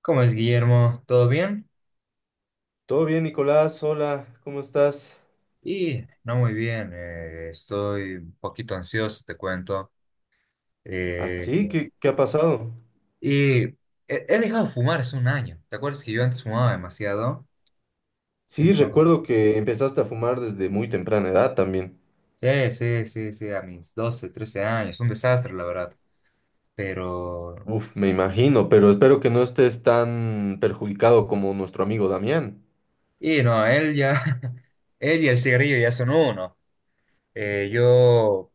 ¿Cómo es, Guillermo? ¿Todo bien? Todo bien, Nicolás. Hola, ¿cómo estás? No muy bien, estoy un poquito ansioso, te cuento. Eh, ¿Así? ¿Qué ha pasado? y he, he dejado de fumar hace un año. ¿Te acuerdas que yo antes fumaba demasiado? Sí, Entonces, recuerdo que empezaste a fumar desde muy temprana edad también. sí, sí, sí, sí, a mis 12, 13 años, un desastre, la verdad. Pero, Uf, me imagino, pero espero que no estés tan perjudicado como nuestro amigo Damián. y no, él ya, él y el cigarrillo ya son uno. Yo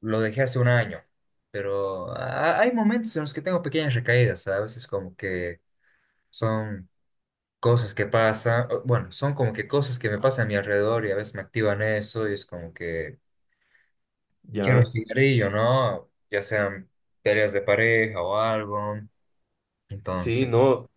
lo dejé hace un año, pero hay momentos en los que tengo pequeñas recaídas, ¿sabes? Es como que son cosas que pasan, bueno, son como que cosas que me pasan a mi alrededor y a veces me activan eso y es como que quiero un Ya. cigarrillo, ¿no? Ya sean peleas de pareja o algo. Sí, Entonces, no.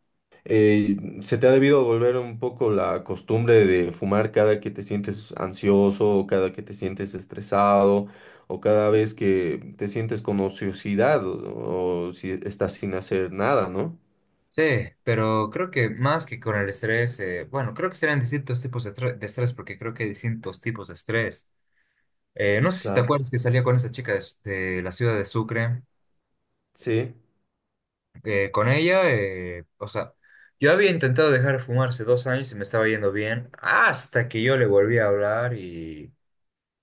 eh, Se te ha debido volver un poco la costumbre de fumar cada que te sientes ansioso, o cada que te sientes estresado, o cada vez que te sientes con ociosidad, o si estás sin hacer nada, ¿no? sí, pero creo que más que con el estrés, bueno, creo que serán distintos tipos de estrés porque creo que hay distintos tipos de estrés. No sé si te Claro. acuerdas que salía con esa chica de la ciudad de Sucre. Sí, Eh, con ella, o sea, yo había intentado dejar de fumar hace 2 años y me estaba yendo bien, hasta que yo le volví a hablar y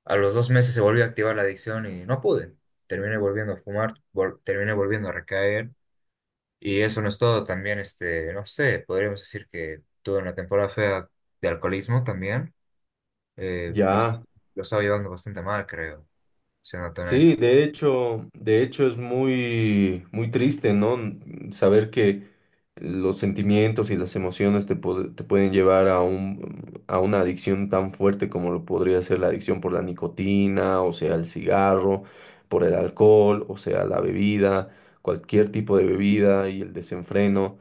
a los 2 meses se volvió a activar la adicción y no pude. Terminé volviendo a fumar, terminé volviendo a recaer y eso no es todo. También, este, no sé, podríamos decir que tuve una temporada fea de alcoholismo también. Eh, lo, ya. lo estaba llevando bastante mal, creo, siendo honesto. Sí, de hecho es muy, muy triste, ¿no? Saber que los sentimientos y las emociones te, te pueden llevar a un, a una adicción tan fuerte como lo podría ser la adicción por la nicotina, o sea, el cigarro, por el alcohol, o sea, la bebida, cualquier tipo de bebida y el desenfreno.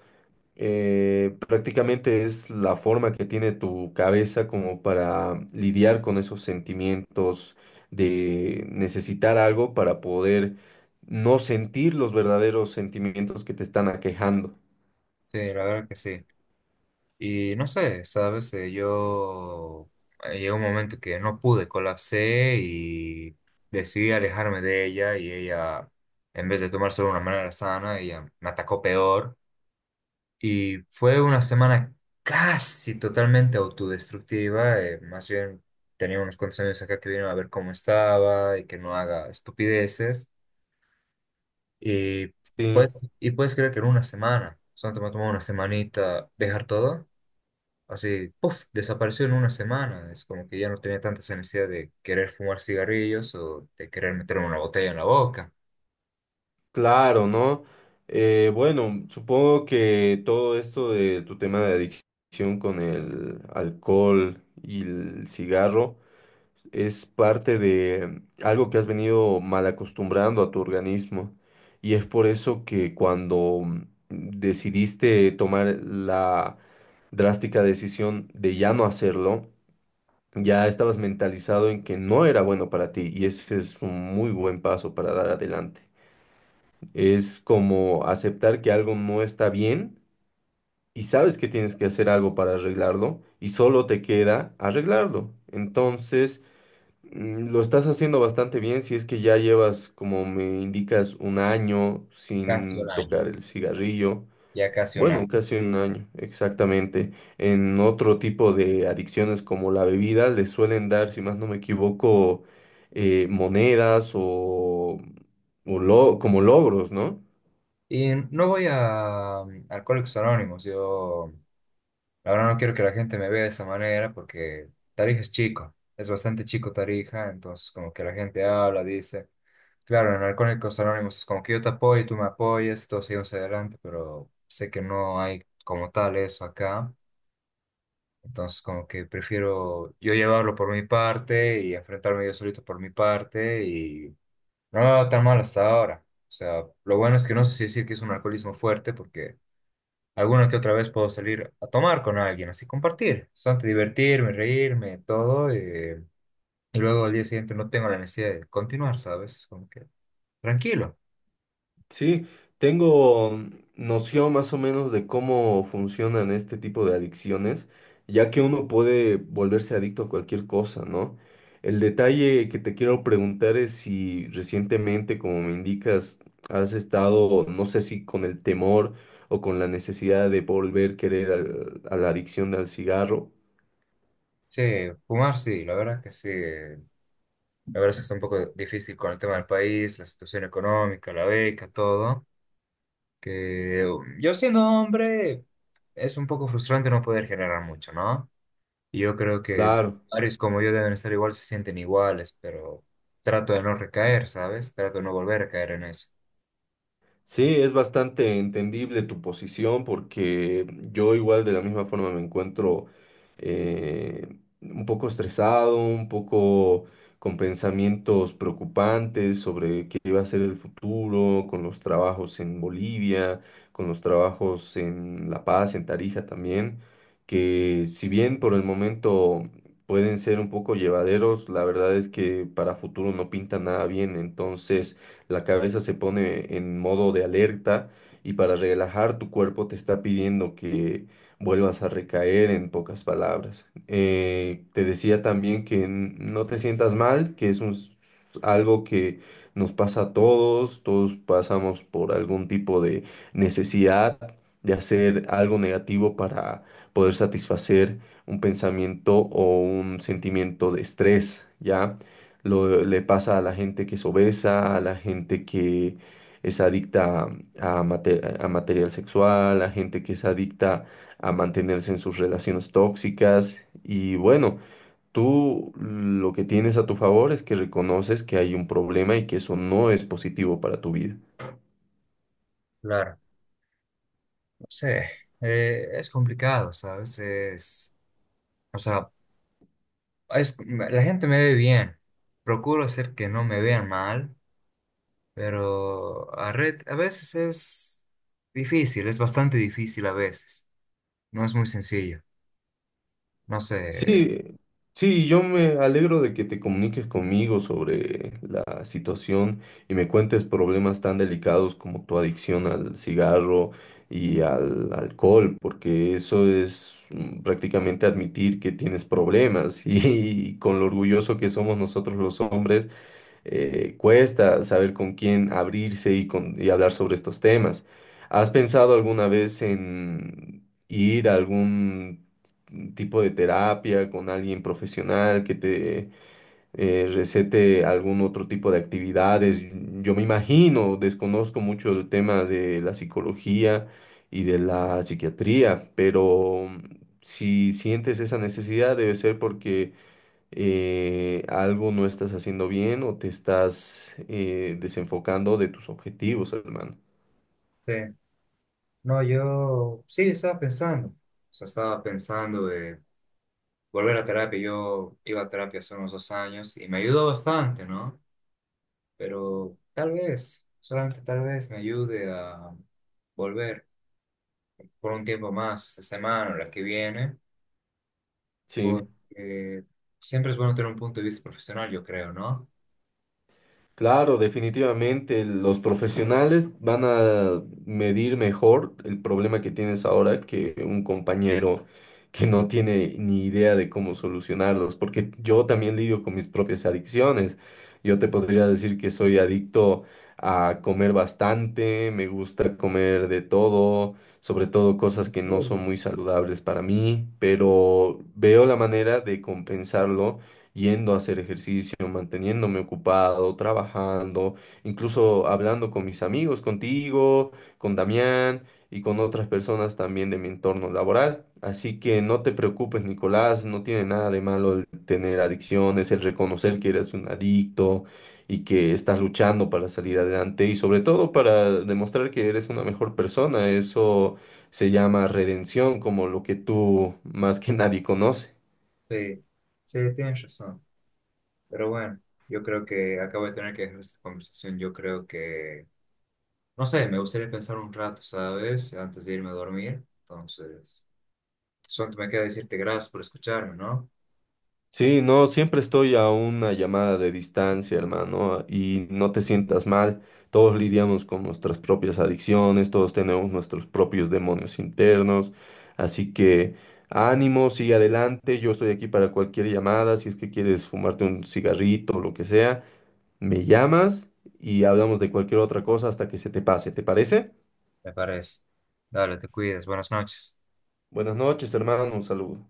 Prácticamente es la forma que tiene tu cabeza como para lidiar con esos sentimientos de necesitar algo para poder no sentir los verdaderos sentimientos que te están aquejando. Sí, la verdad que sí. Y no sé, ¿sabes? Yo llegó un momento que no pude, colapsé y decidí alejarme de ella y ella, en vez de tomárselo de una manera sana, ella me atacó peor. Y fue una semana casi totalmente autodestructiva, más bien tenía unos cuantos años acá que vinieron a ver cómo estaba y que no haga estupideces. Y, Sí, pues, y puedes creer que en una semana, solo me tomó una semanita dejar todo así, puff, desapareció en una semana. Es como que ya no tenía tanta esa necesidad de querer fumar cigarrillos o de querer meterme una botella en la boca. claro, ¿no? Bueno, supongo que todo esto de tu tema de adicción con el alcohol y el cigarro es parte de algo que has venido mal acostumbrando a tu organismo. Y es por eso que cuando decidiste tomar la drástica decisión de ya no hacerlo, ya estabas mentalizado en que no era bueno para ti. Y ese es un muy buen paso para dar adelante. Es como aceptar que algo no está bien y sabes que tienes que hacer algo para arreglarlo y solo te queda arreglarlo. Entonces... Lo estás haciendo bastante bien si es que ya llevas, como me indicas, un año Casi sin un año, tocar el cigarrillo. ya casi un año. Bueno, casi un año, exactamente. En otro tipo de adicciones como la bebida, les suelen dar, si más no me equivoco, monedas o como logros, ¿no? Y no voy a Alcohólicos Anónimos. Yo, la verdad, no quiero que la gente me vea de esa manera porque Tarija es chico, es bastante chico Tarija. Entonces, como que la gente habla, dice. Claro, en Alcohólicos Anónimos es como que yo te apoyo, tú me apoyas, todos seguimos adelante, pero sé que no hay como tal eso acá. Entonces, como que prefiero yo llevarlo por mi parte y enfrentarme yo solito por mi parte y no me va tan mal hasta ahora. O sea, lo bueno es que no sé si decir que es un alcoholismo fuerte porque alguna que otra vez puedo salir a tomar con alguien, así compartir, solamente divertirme, reírme, todo. Y luego al día siguiente no tengo la necesidad de continuar, ¿sabes? Es como que tranquilo. Sí, tengo noción más o menos de cómo funcionan este tipo de adicciones, ya que uno puede volverse adicto a cualquier cosa, ¿no? El detalle que te quiero preguntar es si recientemente, como me indicas, has estado, no sé si con el temor o con la necesidad de volver a querer a la adicción al cigarro. Sí, fumar sí, la verdad que sí. La verdad es que está un poco difícil con el tema del país, la situación económica, la beca, todo. Yo siendo hombre es un poco frustrante no poder generar mucho, ¿no? Y yo creo que Claro. varios como yo deben estar igual, se sienten iguales, pero trato de no recaer, ¿sabes? Trato de no volver a caer en eso. Sí, es bastante entendible tu posición porque yo igual de la misma forma me encuentro eh, un poco estresado, un poco con pensamientos preocupantes sobre qué va a ser el futuro, con los trabajos en Bolivia, con los trabajos en La Paz, en Tarija también, que si bien por el momento pueden ser un poco llevaderos, la verdad es que para futuro no pinta nada bien, entonces la cabeza se pone en modo de alerta y para relajar tu cuerpo te está pidiendo que vuelvas a recaer en pocas palabras. Te decía también que no te sientas mal, que es un algo que nos pasa a todos, todos pasamos por algún tipo de necesidad de hacer algo negativo para poder satisfacer un pensamiento o un sentimiento de estrés, ¿ya? Le pasa a la gente que es obesa, a la gente que es adicta a, a material sexual, a gente que es adicta a mantenerse en sus relaciones tóxicas. Y bueno, tú lo que tienes a tu favor es que reconoces que hay un problema y que eso no es positivo para tu vida. Claro. No sé, es complicado, ¿sabes? O sea, la gente me ve bien, procuro hacer que no me vean mal, pero a veces es difícil, es bastante difícil a veces, no es muy sencillo. No sé, Sí, sí, yo me alegro de que te comuniques conmigo sobre la situación y me cuentes problemas tan delicados como tu adicción al cigarro y al alcohol, porque eso es prácticamente admitir que tienes problemas y, con lo orgulloso que somos nosotros los hombres cuesta saber con quién abrirse y, y hablar sobre estos temas. ¿Has pensado alguna vez en ir a algún tipo de terapia con alguien profesional que te recete algún otro tipo de actividades? Yo me imagino, desconozco mucho el tema de la psicología y de la psiquiatría, pero si sientes esa necesidad debe ser porque algo no estás haciendo bien o te estás desenfocando de tus objetivos, hermano. sí. No, yo sí estaba pensando, o sea, estaba pensando de volver a terapia. Yo iba a terapia hace unos 2 años y me ayudó bastante, ¿no? Pero tal vez, solamente tal vez me ayude a volver por un tiempo más, esta semana o la que viene, Sí. porque siempre es bueno tener un punto de vista profesional, yo creo, ¿no? Claro, definitivamente los profesionales van a medir mejor el problema que tienes ahora que un compañero que no tiene ni idea de cómo solucionarlos, porque yo también lidio con mis propias adicciones. Yo te podría decir que soy adicto a comer bastante, me gusta comer de todo, sobre todo cosas ¿En que no son serio? muy saludables para mí, pero veo la manera de compensarlo yendo a hacer ejercicio, manteniéndome ocupado, trabajando, incluso hablando con mis amigos, contigo, con Damián y con otras personas también de mi entorno laboral. Así que no te preocupes, Nicolás, no tiene nada de malo el tener adicciones, el reconocer que eres un adicto y que estás luchando para salir adelante y sobre todo para demostrar que eres una mejor persona. Eso se llama redención, como lo que tú más que nadie conoces. Sí, sí, tienes razón. Pero bueno, yo creo que acabo de tener que dejar esta conversación. Yo creo que no sé, me gustaría pensar un rato, ¿sabes? Antes de irme a dormir. Entonces, solo me queda decirte gracias por escucharme, ¿no? Sí, no, siempre estoy a una llamada de distancia, hermano, y no te sientas mal. Todos lidiamos con nuestras propias adicciones, todos tenemos nuestros propios demonios internos, así que ánimo, sigue adelante. Yo estoy aquí para cualquier llamada, si es que quieres fumarte un cigarrito o lo que sea, me llamas y hablamos de cualquier otra cosa hasta que se te pase, ¿te parece? Me parece. Dale, te cuidas. Buenas noches. Buenas noches, hermano, un saludo.